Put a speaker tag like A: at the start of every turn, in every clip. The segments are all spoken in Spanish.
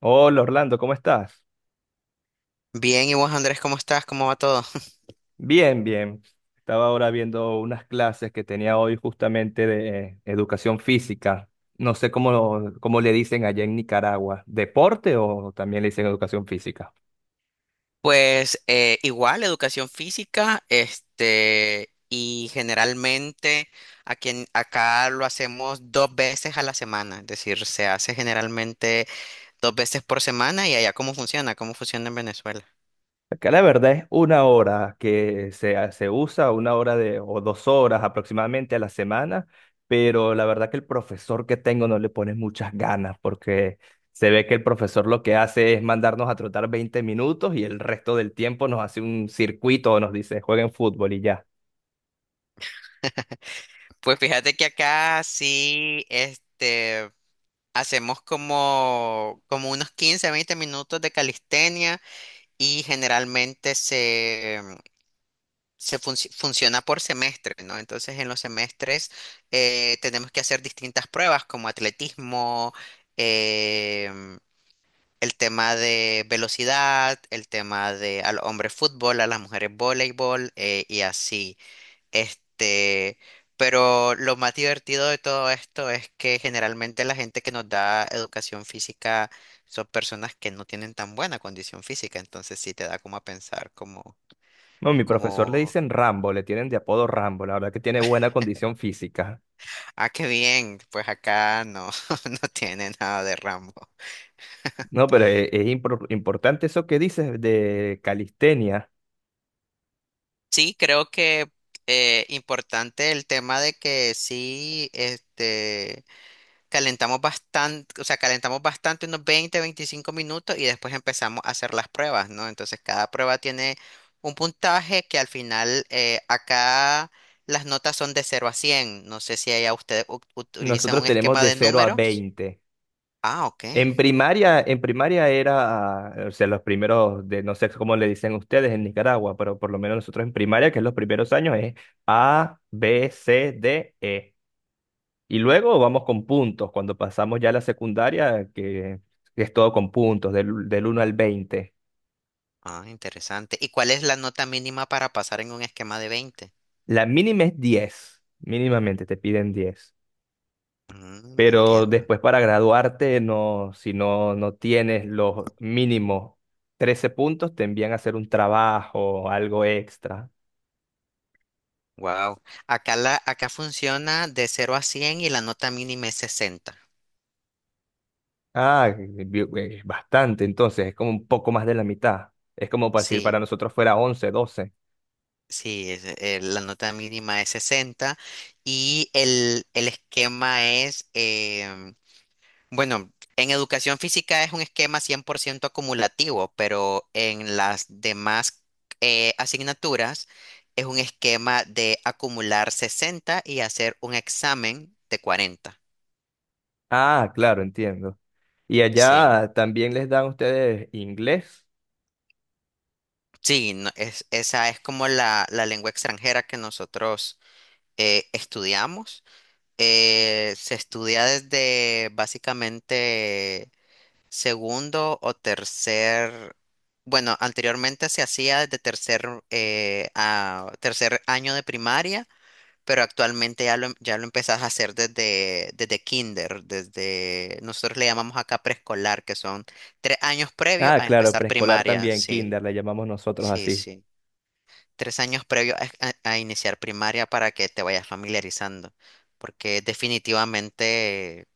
A: Hola Orlando, ¿cómo estás?
B: Bien, ¿y vos, Andrés, cómo estás? ¿Cómo va todo?
A: Bien, bien. Estaba ahora viendo unas clases que tenía hoy justamente de educación física. No sé cómo le dicen allá en Nicaragua. ¿Deporte o también le dicen educación física?
B: Pues igual, educación física, este, y generalmente acá lo hacemos dos veces a la semana, es decir, se hace generalmente dos veces por semana y allá cómo funciona en Venezuela.
A: Acá la verdad es una hora que se usa, una hora de, o dos horas aproximadamente a la semana, pero la verdad que el profesor que tengo no le pone muchas ganas porque se ve que el profesor lo que hace es mandarnos a trotar 20 minutos y el resto del tiempo nos hace un circuito o nos dice jueguen fútbol y ya.
B: Pues fíjate que acá sí, este, hacemos como unos 15 20 minutos de calistenia y generalmente se funciona por semestre, ¿no? Entonces, en los semestres tenemos que hacer distintas pruebas como atletismo, em, el tema de velocidad, el tema de al hombre fútbol, a las mujeres voleibol y así. Este, pero lo más divertido de todo esto es que generalmente la gente que nos da educación física son personas que no tienen tan buena condición física, entonces sí te da como a pensar como
A: No, mi profesor le
B: como
A: dicen Rambo, le tienen de apodo Rambo, la verdad que tiene buena condición física.
B: Ah, qué bien. Pues acá no, no tiene nada de Rambo.
A: No, pero es importante eso que dices de calistenia.
B: Sí, creo que importante el tema de que sí, este, calentamos bastante, o sea, calentamos bastante unos 20, 25 minutos y después empezamos a hacer las pruebas, ¿no? Entonces cada prueba tiene un puntaje que al final acá las notas son de 0 a 100. No sé si allá ustedes utilizan
A: Nosotros
B: un
A: tenemos
B: esquema
A: de
B: de
A: cero a
B: número.
A: 20.
B: Ah, ok.
A: En primaria era, ah, o sea, los primeros de, no sé cómo le dicen ustedes en Nicaragua, pero por lo menos nosotros en primaria, que es los primeros años, es A, B, C, D, E. Y luego vamos con puntos, cuando pasamos ya a la secundaria, que es todo con puntos, del 1 al 20.
B: Ah, interesante. ¿Y cuál es la nota mínima para pasar en un esquema de 20?
A: La mínima es 10, mínimamente te piden 10.
B: Mm,
A: Pero
B: entiendo.
A: después para graduarte, no, si no, no tienes los mínimos 13 puntos, te envían a hacer un trabajo, algo extra.
B: Wow. Acá funciona de 0 a 100 y la nota mínima es 60.
A: Ah, bastante, entonces es como un poco más de la mitad. Es como para decir, para
B: Sí,
A: nosotros fuera 11, 12.
B: sí, la nota mínima es 60 y el esquema es bueno, en educación física es un esquema 100% acumulativo, pero en las demás asignaturas es un esquema de acumular 60 y hacer un examen de 40.
A: Ah, claro, entiendo. Y
B: Sí,
A: allá también les dan ustedes inglés.
B: sí, esa es como la lengua extranjera que nosotros estudiamos. Se estudia desde básicamente segundo o tercer, bueno, anteriormente se hacía desde tercer, a tercer año de primaria, pero actualmente ya lo empezás a hacer desde kinder, nosotros le llamamos acá preescolar, que son 3 años previos
A: Ah,
B: a
A: claro,
B: empezar
A: preescolar
B: primaria,
A: también,
B: sí,
A: kinder, le llamamos nosotros
B: sí,
A: así.
B: sí. 3 años previos a iniciar primaria para que te vayas familiarizando, porque definitivamente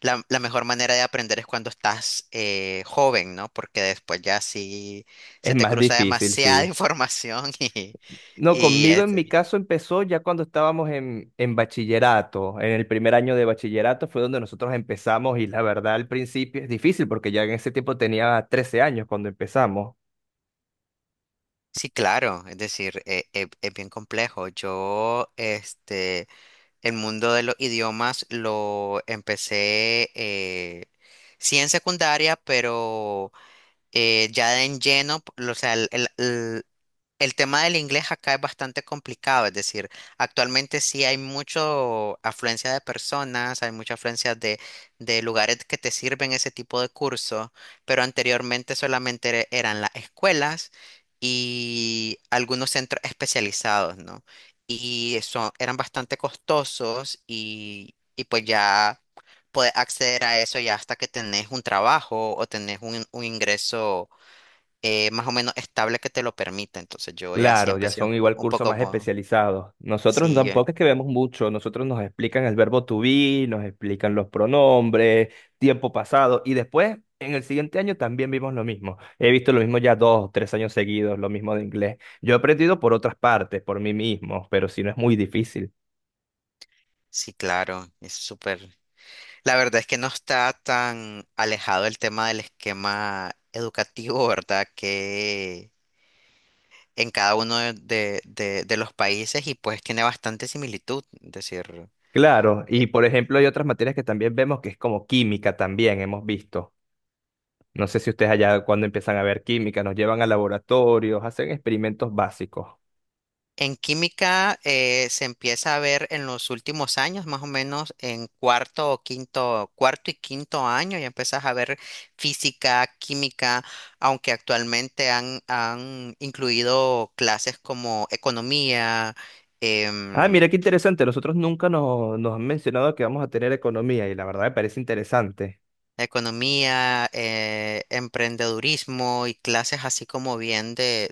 B: la mejor manera de aprender es cuando estás joven, ¿no? Porque después ya sí
A: Es
B: se te
A: más
B: cruza
A: difícil,
B: demasiada
A: sí.
B: información y,
A: No,
B: y
A: conmigo en mi
B: este,
A: caso empezó ya cuando estábamos en bachillerato. En el primer año de bachillerato fue donde nosotros empezamos y la verdad al principio es difícil porque ya en ese tiempo tenía 13 años cuando empezamos.
B: sí, claro, es decir, es bien complejo. Yo, este, el mundo de los idiomas lo empecé, sí en secundaria, pero ya en lleno, o sea, el- el tema del inglés acá es bastante complicado, es decir, actualmente sí hay mucha afluencia de personas, hay mucha afluencia de lugares que te sirven ese tipo de curso, pero anteriormente solamente eran las escuelas y algunos centros especializados, ¿no? Y eso eran bastante costosos y pues ya puedes acceder a eso ya hasta que tenés un trabajo o tenés un ingreso más o menos estable que te lo permita. Entonces yo ya sí
A: Claro, ya
B: empecé un,
A: son
B: po-
A: igual
B: un
A: cursos
B: poco
A: más
B: como,
A: especializados. Nosotros
B: sí,
A: tampoco es que vemos mucho, nosotros nos explican el verbo to be, nos explican los pronombres, tiempo pasado, y después en el siguiente año también vimos lo mismo. He visto lo mismo ya dos, tres años seguidos, lo mismo de inglés. Yo he aprendido por otras partes, por mí mismo, pero si no es muy difícil.
B: sí, claro, es súper. La verdad es que no está tan alejado el tema del esquema educativo, ¿verdad? Que en cada uno de los países y pues tiene bastante similitud, es decir.
A: Claro, y por ejemplo hay otras materias que también vemos que es como química también, hemos visto. No sé si ustedes allá cuando empiezan a ver química, nos llevan a laboratorios, hacen experimentos básicos.
B: En química se empieza a ver en los últimos años, más o menos en cuarto o quinto, cuarto y quinto año, ya empiezas a ver física, química, aunque actualmente han incluido clases como economía,
A: Ah,
B: em,
A: mira qué interesante. Nosotros nunca nos han mencionado que vamos a tener economía y la verdad me parece interesante.
B: economía, emprendedurismo y clases así como bien de,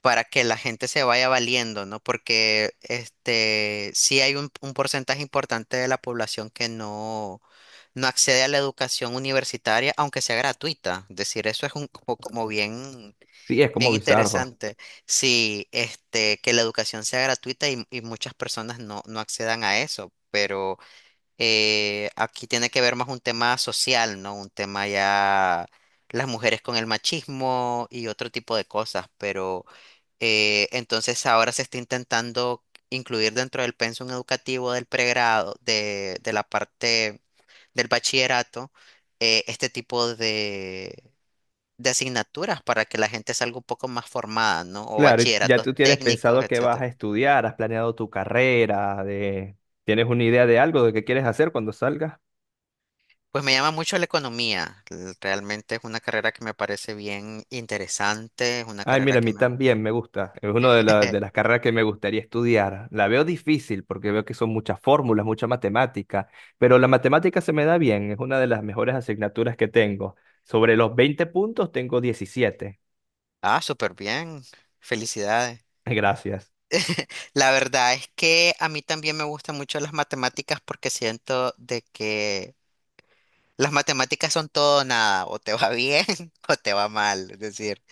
B: para que la gente se vaya valiendo, ¿no? Porque este sí hay un porcentaje importante de la población que no, no accede a la educación universitaria, aunque sea gratuita. Es decir, eso es un co- como bien,
A: Sí, es como
B: bien
A: bizarro.
B: interesante. Sí, este, que la educación sea gratuita y muchas personas no, no accedan a eso. Pero aquí tiene que ver más un tema social, ¿no? Un tema ya las mujeres con el machismo y otro tipo de cosas, pero entonces ahora se está intentando incluir dentro del pensum educativo del pregrado, de la parte del bachillerato, este tipo de asignaturas para que la gente salga un poco más formada, ¿no? O
A: Claro, y ya
B: bachilleratos
A: tú tienes
B: técnicos,
A: pensado qué vas a
B: etcétera.
A: estudiar, has planeado tu carrera, de... ¿Tienes una idea de algo, de qué quieres hacer cuando salgas?
B: Pues me llama mucho la economía. Realmente es una carrera que me parece bien interesante, es una
A: Ay,
B: carrera
A: mira, a
B: que
A: mí
B: me gusta.
A: también me gusta. Es una de las carreras que me gustaría estudiar. La veo difícil porque veo que son muchas fórmulas, mucha matemática, pero la matemática se me da bien, es una de las mejores asignaturas que tengo. Sobre los 20 puntos tengo 17.
B: Ah, súper bien. Felicidades.
A: Gracias.
B: La verdad es que a mí también me gustan mucho las matemáticas porque siento de que las matemáticas son todo o nada, o te va bien o te va mal, es decir,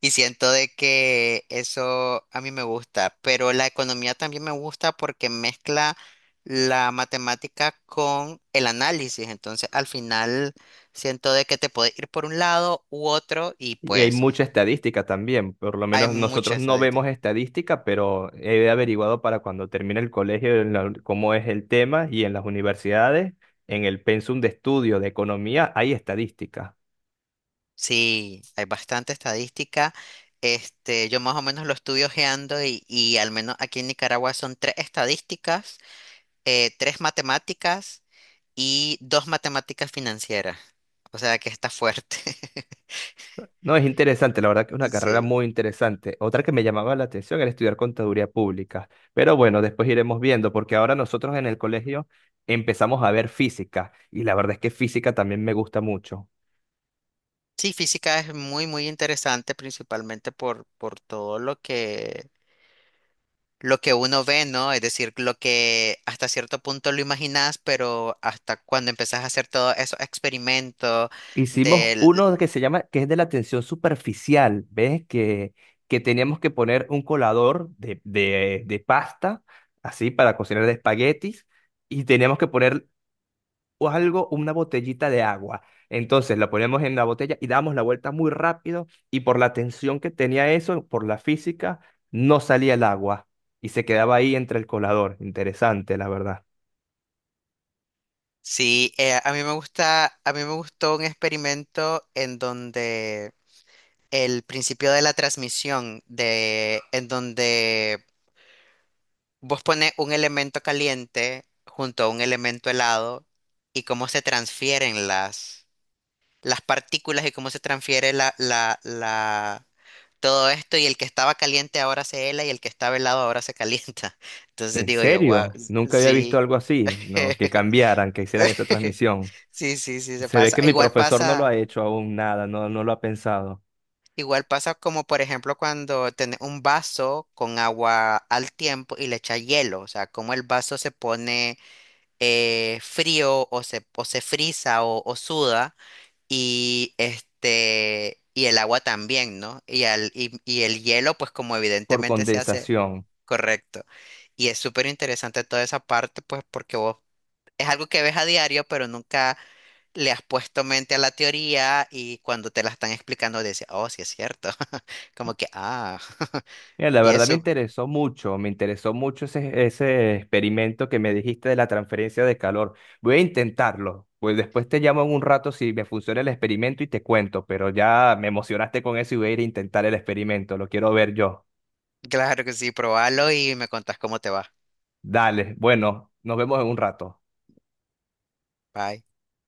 B: y siento de que eso a mí me gusta, pero la economía también me gusta porque mezcla la matemática con el análisis, entonces al final siento de que te puede ir por un lado u otro y
A: Y hay
B: pues
A: mucha estadística también, por lo
B: hay
A: menos
B: mucha
A: nosotros no vemos
B: estadística.
A: estadística, pero he averiguado para cuando termine el colegio en cómo es el tema y en las universidades, en el pensum de estudio de economía hay estadística.
B: Sí, hay bastante estadística. Este, yo más o menos lo estudio ojeando y al menos aquí en Nicaragua son tres estadísticas, tres matemáticas y dos matemáticas financieras. O sea que está fuerte.
A: No, es interesante, la verdad que es una carrera
B: Sí.
A: muy interesante. Otra que me llamaba la atención era estudiar contaduría pública, pero bueno, después iremos viendo, porque ahora nosotros en el colegio empezamos a ver física y la verdad es que física también me gusta mucho.
B: Sí, física es muy, muy interesante, principalmente por todo lo que uno ve, ¿no? Es decir, lo que hasta cierto punto lo imaginas, pero hasta cuando empezás a hacer todos esos experimentos
A: Hicimos
B: de
A: uno que se llama, que es de la tensión superficial, ¿ves? Que teníamos que poner un colador de pasta, así, para cocinar de espaguetis, y teníamos que poner o algo, una botellita de agua. Entonces la poníamos en la botella y dábamos la vuelta muy rápido, y por la tensión que tenía eso, por la física, no salía el agua, y se quedaba ahí entre el colador. Interesante, la verdad.
B: Sí, a mí me gustó un experimento en donde el principio de la transmisión de, en donde vos pones un elemento caliente junto a un elemento helado y cómo se transfieren las partículas y cómo se transfiere todo esto y el que estaba caliente ahora se hela y el que estaba helado ahora se calienta. Entonces
A: ¿En
B: digo yo, wow,
A: serio? Nunca había visto
B: sí.
A: algo así, ¿no? Que cambiaran, que hicieran esa transmisión.
B: Sí, sí, sí, se
A: Se ve
B: pasa.
A: que mi
B: Igual
A: profesor no lo
B: pasa.
A: ha hecho aún nada, no, no lo ha pensado,
B: Igual pasa como, por ejemplo, cuando tenés un vaso con agua al tiempo y le echas hielo, o sea, como el vaso se pone frío o se frisa o suda y este, y el agua también, ¿no? Y el hielo, pues como
A: por
B: evidentemente se hace.
A: condensación.
B: Correcto. Y es súper interesante toda esa parte, pues porque vos es algo que ves a diario, pero nunca le has puesto mente a la teoría y cuando te la están explicando dices, oh, sí es cierto. Como que, ah.
A: Mira, la
B: Y
A: verdad
B: eso,
A: me interesó mucho ese experimento que me dijiste de la transferencia de calor. Voy a intentarlo, pues después te llamo en un rato si me funciona el experimento y te cuento, pero ya me emocionaste con eso y voy a ir a intentar el experimento, lo quiero ver yo.
B: claro que sí, probalo y me contás cómo te va.
A: Dale, bueno, nos vemos en un rato.
B: Bye.